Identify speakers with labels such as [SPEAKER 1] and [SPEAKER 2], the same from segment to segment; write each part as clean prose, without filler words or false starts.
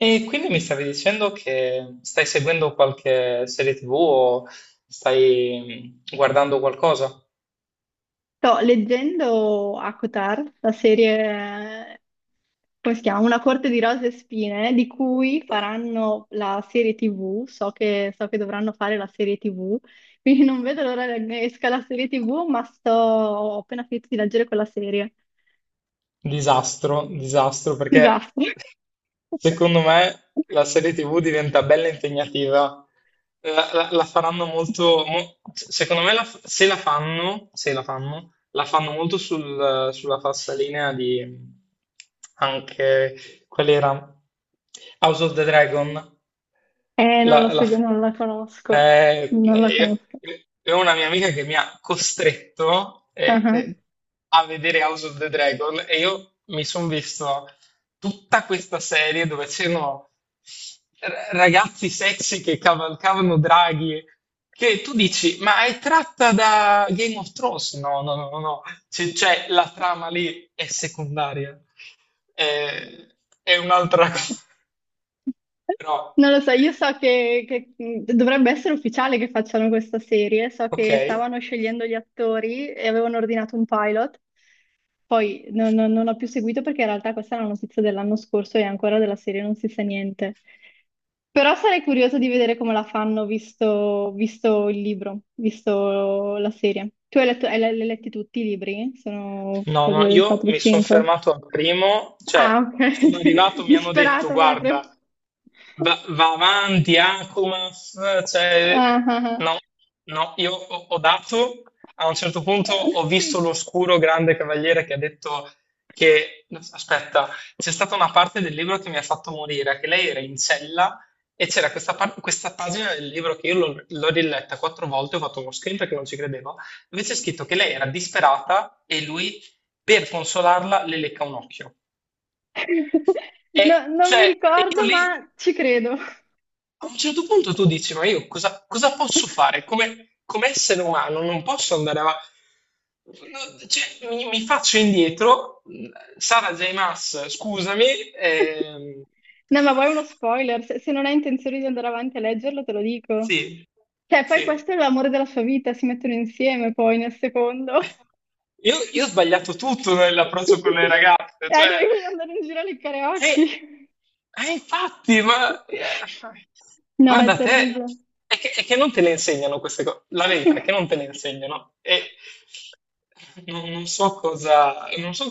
[SPEAKER 1] E quindi mi stavi dicendo che stai seguendo qualche serie TV o stai guardando qualcosa?
[SPEAKER 2] Sto leggendo Acotar, la serie, come si chiama? Una corte di rose e spine, di cui faranno la serie TV. So che dovranno fare la serie TV, quindi non vedo l'ora che esca la serie TV, ma ho appena finito di leggere quella serie.
[SPEAKER 1] Disastro, disastro, perché
[SPEAKER 2] Disastro.
[SPEAKER 1] secondo me la serie TV diventa bella impegnativa. La faranno secondo me se la fanno, la fanno molto sulla falsariga di anche qual era House of the Dragon.
[SPEAKER 2] Non
[SPEAKER 1] La,
[SPEAKER 2] la
[SPEAKER 1] la
[SPEAKER 2] seguo, non la conosco. Non la conosco.
[SPEAKER 1] Una mia amica che mi ha costretto
[SPEAKER 2] Ah ah.
[SPEAKER 1] a vedere House of the Dragon, e io mi sono visto tutta questa serie dove c'erano ragazzi sexy che cavalcavano draghi, che tu dici, ma è tratta da Game of Thrones? No, no, no, no, no. Cioè la trama lì è secondaria, Eh, è un'altra cosa, però
[SPEAKER 2] Non lo so, io so che dovrebbe essere ufficiale che facciano questa serie, so
[SPEAKER 1] ok.
[SPEAKER 2] che stavano scegliendo gli attori e avevano ordinato un pilot, poi non ho più seguito perché in realtà questa è una notizia dell'anno scorso e ancora della serie non si sa niente. Però sarei curiosa di vedere come la fanno visto il libro, visto la serie. Tu hai letto, li hai letti tutti i libri? Sono
[SPEAKER 1] No, no, io mi sono
[SPEAKER 2] 4-5.
[SPEAKER 1] fermato al primo, cioè
[SPEAKER 2] Ah,
[SPEAKER 1] sono arrivato,
[SPEAKER 2] ok,
[SPEAKER 1] mi hanno detto,
[SPEAKER 2] disperata
[SPEAKER 1] guarda,
[SPEAKER 2] proprio.
[SPEAKER 1] Va avanti, Akumas. Cioè,
[SPEAKER 2] Ah, ah, ah.
[SPEAKER 1] no, no, io ho dato, a un certo punto ho visto l'oscuro grande cavaliere che ha detto che, aspetta, c'è stata una parte del libro che mi ha fatto morire, che lei era in cella, e c'era questa pagina del libro che io l'ho riletta quattro volte, ho fatto uno screen perché non ci credevo, dove c'è scritto che lei era disperata e lui, per consolarla, le lecca un occhio. E,
[SPEAKER 2] No, non mi
[SPEAKER 1] cioè, e io
[SPEAKER 2] ricordo,
[SPEAKER 1] lì
[SPEAKER 2] ma ci credo.
[SPEAKER 1] a un certo punto tu dici, ma io cosa posso fare? Come essere umano non posso andare avanti. No, cioè, mi faccio indietro, Sara J. Maas, scusami. ehm,
[SPEAKER 2] No, ma vuoi uno spoiler? Se non hai intenzione di andare avanti a leggerlo, te lo dico.
[SPEAKER 1] sì,
[SPEAKER 2] Cioè, poi
[SPEAKER 1] sì.
[SPEAKER 2] questo è l'amore della sua vita, si mettono insieme poi nel secondo.
[SPEAKER 1] Io ho sbagliato tutto nell'approccio con le ragazze, cioè.
[SPEAKER 2] Dovevi andare in giro a leccare
[SPEAKER 1] Eh,
[SPEAKER 2] occhi.
[SPEAKER 1] infatti, ma
[SPEAKER 2] No, è
[SPEAKER 1] guarda te,
[SPEAKER 2] terribile.
[SPEAKER 1] è che non te le insegnano queste cose. La verità è che non te le insegnano. E non so cosa, non so,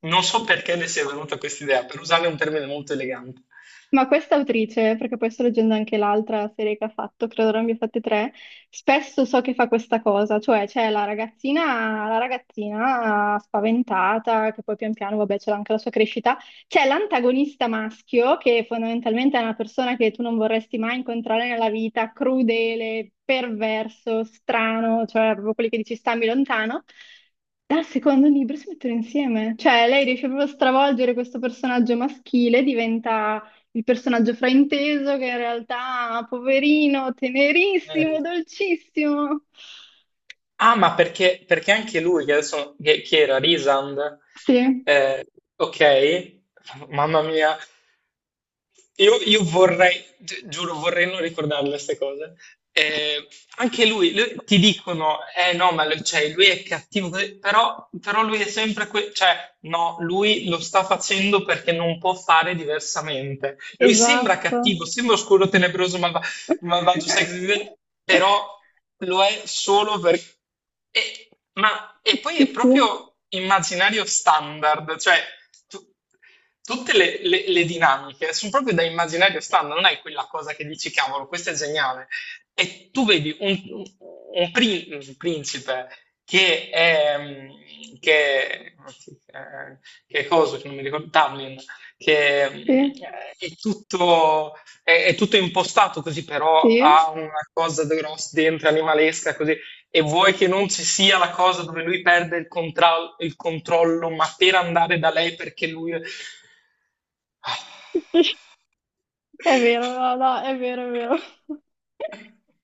[SPEAKER 1] non so perché ne sia venuta questa idea, per usare un termine molto elegante.
[SPEAKER 2] Ma questa autrice, perché poi sto leggendo anche l'altra serie che ha fatto, credo ne abbia fatte tre, spesso so che fa questa cosa, cioè c'è la ragazzina spaventata, che poi pian piano, vabbè, c'è anche la sua crescita, c'è l'antagonista maschio, che fondamentalmente è una persona che tu non vorresti mai incontrare nella vita, crudele, perverso, strano, cioè proprio quelli che dici stammi lontano. Dal secondo libro si mettono insieme, cioè lei riesce proprio a stravolgere questo personaggio maschile, diventa il personaggio frainteso che in realtà, poverino,
[SPEAKER 1] Eh,
[SPEAKER 2] tenerissimo, dolcissimo.
[SPEAKER 1] ma perché anche lui, che adesso, che chi era Risand,
[SPEAKER 2] Sì,
[SPEAKER 1] eh, ok, mamma mia, io vorrei, giuro, vorrei non ricordarle queste cose. Eh, anche lui, ti dicono, eh no, ma lui, cioè, lui è cattivo, così, però lui è sempre, cioè, no, lui lo sta facendo perché non può fare diversamente. Lui sembra cattivo,
[SPEAKER 2] esatto.
[SPEAKER 1] sembra oscuro, tenebroso, malvagio sex appeal, però lo è solo per... E poi è
[SPEAKER 2] Sì,
[SPEAKER 1] proprio immaginario standard. Cioè, tu- tutte le dinamiche sono proprio da immaginario standard, non è quella cosa che dici, cavolo, questo è geniale. E tu vedi un, un principe che è Che, che, che cosa, che non mi ricordo, Tamlin, che
[SPEAKER 2] sì,
[SPEAKER 1] è tutto, è tutto impostato così, però
[SPEAKER 2] sì,
[SPEAKER 1] ha una cosa grossa dentro, animalesca, così. E vuoi che non ci sia la cosa dove lui perde il controllo, ma per andare da lei perché lui.
[SPEAKER 2] sì. È vero, no, no, è vero, è vero.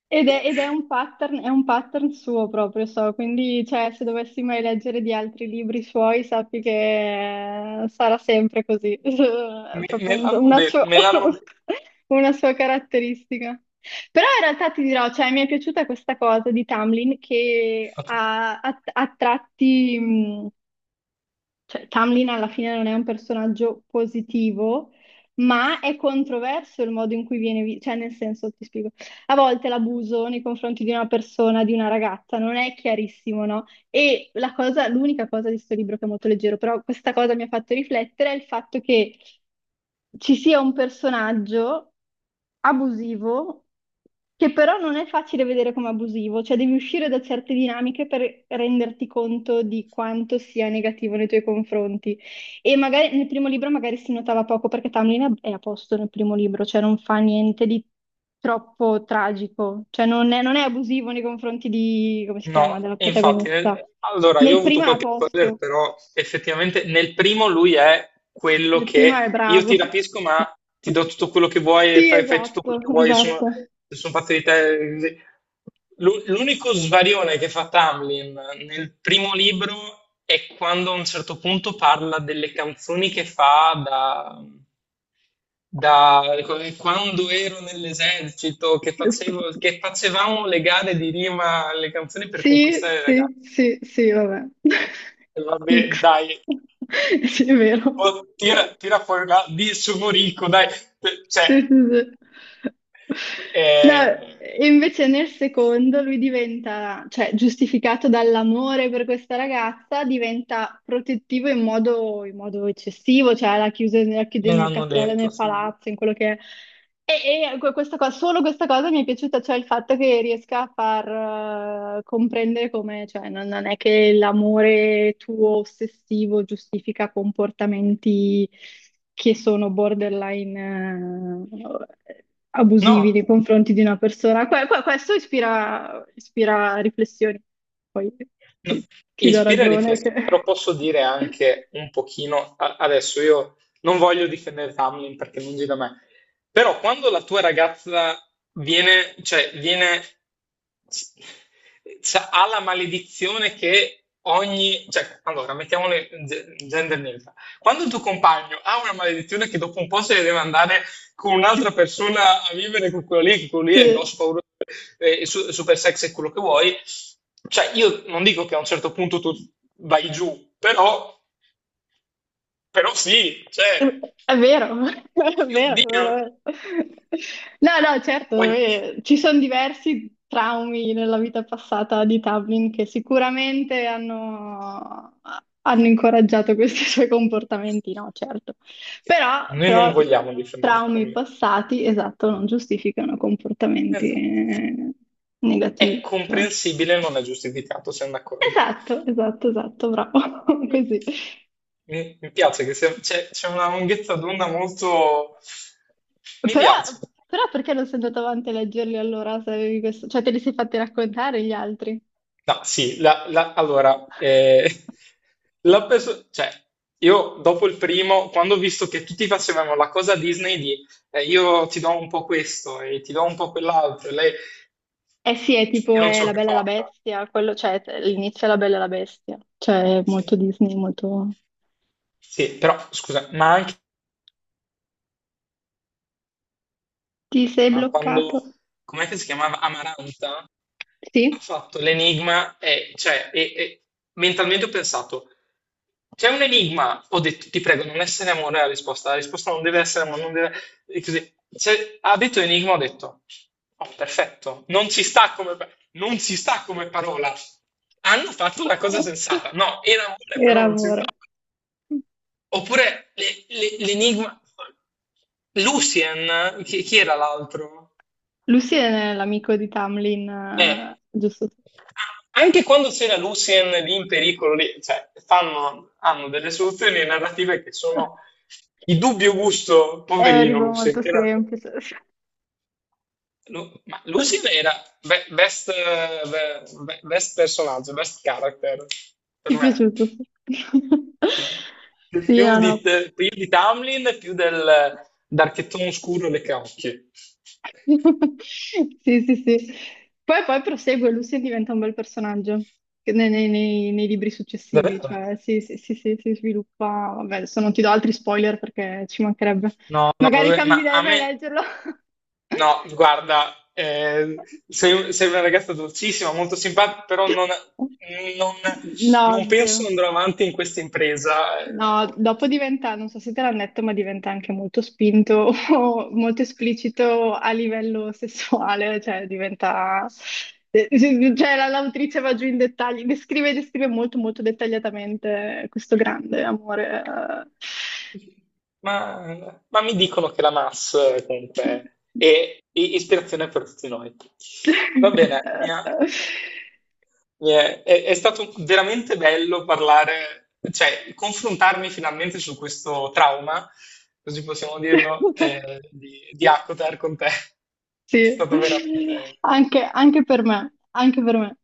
[SPEAKER 2] Ed è un pattern, è un pattern suo proprio, so, quindi cioè, se dovessi mai leggere di altri libri suoi, sappi che sarà sempre così, è
[SPEAKER 1] Me,
[SPEAKER 2] proprio
[SPEAKER 1] me l'hanno
[SPEAKER 2] una
[SPEAKER 1] detto,
[SPEAKER 2] sua,
[SPEAKER 1] me l'hanno detto.
[SPEAKER 2] una sua caratteristica. Però in realtà ti dirò, cioè, mi è piaciuta questa cosa di Tamlin che ha tratti, cioè, Tamlin alla fine non è un personaggio positivo, ma è controverso il modo in cui viene visto, cioè nel senso, ti spiego, a volte l'abuso nei confronti di una persona, di una ragazza, non è chiarissimo, no? E l'unica cosa di questo libro che è molto leggero, però questa cosa mi ha fatto riflettere, è il fatto che ci sia un personaggio abusivo, che però non è facile vedere come abusivo, cioè devi uscire da certe dinamiche per renderti conto di quanto sia negativo nei tuoi confronti. E magari nel primo libro magari si notava poco perché Tamlin è a posto nel primo libro, cioè non fa niente di troppo tragico, cioè non è abusivo nei confronti di, come si chiama,
[SPEAKER 1] No,
[SPEAKER 2] della
[SPEAKER 1] e infatti,
[SPEAKER 2] protagonista.
[SPEAKER 1] allora io
[SPEAKER 2] Nel
[SPEAKER 1] ho
[SPEAKER 2] primo
[SPEAKER 1] avuto
[SPEAKER 2] è a
[SPEAKER 1] qualche spoiler,
[SPEAKER 2] posto,
[SPEAKER 1] però effettivamente nel primo lui è quello
[SPEAKER 2] nel primo è
[SPEAKER 1] che io
[SPEAKER 2] bravo.
[SPEAKER 1] ti rapisco, ma ti do tutto quello che vuoi e
[SPEAKER 2] Sì,
[SPEAKER 1] fai tutto quello
[SPEAKER 2] esatto,
[SPEAKER 1] che vuoi, sono
[SPEAKER 2] esatto.
[SPEAKER 1] sono fatte di te. Sì. L'unico svarione che fa Tamlin nel primo libro è quando a un certo punto parla delle canzoni che fa da come quando ero nell'esercito, che facevamo le gare di rima alle canzoni per
[SPEAKER 2] Sì,
[SPEAKER 1] conquistare le ragazze.
[SPEAKER 2] sì, sì, sì, vabbè.
[SPEAKER 1] E vabbè,
[SPEAKER 2] X.
[SPEAKER 1] dai,
[SPEAKER 2] Sì, è vero.
[SPEAKER 1] oh, tira fuori la di sono ricco, dai, cioè,
[SPEAKER 2] Sì, sì, sì. No,
[SPEAKER 1] eh,
[SPEAKER 2] e invece nel secondo lui diventa, cioè giustificato dall'amore per questa ragazza, diventa protettivo in modo eccessivo, cioè la chiude
[SPEAKER 1] me
[SPEAKER 2] nel
[SPEAKER 1] l'hanno
[SPEAKER 2] castello,
[SPEAKER 1] detto.
[SPEAKER 2] nel
[SPEAKER 1] Sì.
[SPEAKER 2] palazzo, in quello che è. E questa cosa, solo questa cosa mi è piaciuta, cioè il fatto che riesca a far comprendere come, cioè, non è che l'amore tuo ossessivo giustifica comportamenti che sono borderline eh, abusivi
[SPEAKER 1] No,
[SPEAKER 2] nei confronti di una persona. Questo ispira riflessioni. Poi
[SPEAKER 1] no,
[SPEAKER 2] ti, ti do
[SPEAKER 1] ispira
[SPEAKER 2] ragione che...
[SPEAKER 1] riflessione, però posso dire anche un pochino, adesso io non voglio difendere Tamlin perché è lungi da me, però quando la tua ragazza viene, cioè, s- ha la maledizione che ogni, cioè, allora, mettiamole gender neutral, quando il tuo compagno ha una maledizione che dopo un po' se ne deve andare con un'altra persona a vivere con quello lì, che quello lì è
[SPEAKER 2] se-
[SPEAKER 1] grosso, pauroso, super sexy e quello che vuoi. Cioè, io non dico che a un certo punto tu vai giù, però, sì, cioè,
[SPEAKER 2] È vero, è vero, è vero.
[SPEAKER 1] oddio,
[SPEAKER 2] È vero. No, no, certo,
[SPEAKER 1] poi
[SPEAKER 2] ci sono diversi traumi nella vita passata di Tubman che sicuramente hanno incoraggiato questi suoi comportamenti, no, certo. Però,
[SPEAKER 1] noi non
[SPEAKER 2] però
[SPEAKER 1] vogliamo difendere
[SPEAKER 2] traumi
[SPEAKER 1] Crowley.
[SPEAKER 2] passati, esatto, non giustificano comportamenti
[SPEAKER 1] Esatto. È
[SPEAKER 2] negativi.
[SPEAKER 1] comprensibile, non è giustificato, siamo d'accordo.
[SPEAKER 2] Esatto, esatto, esatto, bravo,
[SPEAKER 1] Mm.
[SPEAKER 2] così.
[SPEAKER 1] Mi piace che c'è una lunghezza d'onda molto. Mi
[SPEAKER 2] Però,
[SPEAKER 1] piace.
[SPEAKER 2] però perché non sei andato avanti a leggerli allora se avevi questo? Cioè te li sei fatti raccontare gli altri?
[SPEAKER 1] No, sì, allora, cioè, io dopo il primo, quando ho visto che tutti facevano la cosa Disney di io ti do un po' questo e ti do un po' quell'altro, e lei,
[SPEAKER 2] Eh sì, è
[SPEAKER 1] cioè, io
[SPEAKER 2] tipo
[SPEAKER 1] non
[SPEAKER 2] è
[SPEAKER 1] ce l'ho
[SPEAKER 2] La
[SPEAKER 1] più
[SPEAKER 2] Bella e la
[SPEAKER 1] fatta.
[SPEAKER 2] Bestia, quello, cioè
[SPEAKER 1] Sì,
[SPEAKER 2] l'inizio è La Bella e la Bestia, cioè è molto
[SPEAKER 1] sì.
[SPEAKER 2] Disney, molto...
[SPEAKER 1] Sì, però scusa, ma anche,
[SPEAKER 2] Ti sei
[SPEAKER 1] ma
[SPEAKER 2] bloccato?
[SPEAKER 1] quando, com'è che si chiamava Amaranta? Ha
[SPEAKER 2] Sì?
[SPEAKER 1] fatto l'enigma e, cioè, e mentalmente ho pensato, c'è un enigma, ho detto, ti prego, non essere amore la risposta non deve essere amore, non deve. E così, C'è- ha detto enigma, ho detto, oh, perfetto, non ci sta come, parola. Hanno fatto una cosa sensata, no, era amore, però
[SPEAKER 2] Era
[SPEAKER 1] non ci sta.
[SPEAKER 2] amore.
[SPEAKER 1] Oppure l'enigma, Lucien, chi era l'altro?
[SPEAKER 2] Lucy è l'amico di Tamlin,
[SPEAKER 1] Eh,
[SPEAKER 2] giusto?
[SPEAKER 1] anche quando c'era Lucien lì in pericolo, lì, cioè, hanno delle soluzioni narrative che sono di dubbio gusto,
[SPEAKER 2] È un
[SPEAKER 1] poverino
[SPEAKER 2] libro
[SPEAKER 1] Lucien,
[SPEAKER 2] molto
[SPEAKER 1] che era,
[SPEAKER 2] semplice.
[SPEAKER 1] Ma Lucien era best, best personaggio, best character,
[SPEAKER 2] Ti
[SPEAKER 1] per
[SPEAKER 2] è
[SPEAKER 1] me.
[SPEAKER 2] piaciuto? Sì,
[SPEAKER 1] Sì.
[SPEAKER 2] Sì, era una-
[SPEAKER 1] Più di Tamlin, più del d'Archettone Oscuro e le Caocchie.
[SPEAKER 2] Sì, sì, sì. Poi prosegue, Lucy diventa un bel personaggio che nei libri successivi,
[SPEAKER 1] Davvero?
[SPEAKER 2] cioè sì, sì, sì, sì, si sviluppa. Vabbè, adesso non ti do altri spoiler perché ci mancherebbe.
[SPEAKER 1] No, no,
[SPEAKER 2] Magari
[SPEAKER 1] vabbè,
[SPEAKER 2] cambi
[SPEAKER 1] ma
[SPEAKER 2] idea e
[SPEAKER 1] a
[SPEAKER 2] vai
[SPEAKER 1] me,
[SPEAKER 2] a leggerlo.
[SPEAKER 1] no, guarda, sei una ragazza dolcissima, molto simpatica, però non- non
[SPEAKER 2] No,
[SPEAKER 1] penso
[SPEAKER 2] zero.
[SPEAKER 1] andrò avanti in questa impresa. eh,
[SPEAKER 2] No,
[SPEAKER 1] ho-
[SPEAKER 2] dopo diventa, non so se te l'hanno detto, ma diventa anche molto spinto o molto esplicito a livello sessuale, cioè diventa... eh, Cioè l'autrice va giù in dettagli, descrive molto molto dettagliatamente questo grande amore.
[SPEAKER 1] Ma, ma mi dicono che la MAS comunque è ispirazione per tutti noi. Va bene, mia.
[SPEAKER 2] eh.
[SPEAKER 1] È stato veramente bello parlare, cioè confrontarmi finalmente su questo trauma, così possiamo dirlo, di Akotar con te. È
[SPEAKER 2] Sì,
[SPEAKER 1] stato veramente.
[SPEAKER 2] anche per me, anche per me.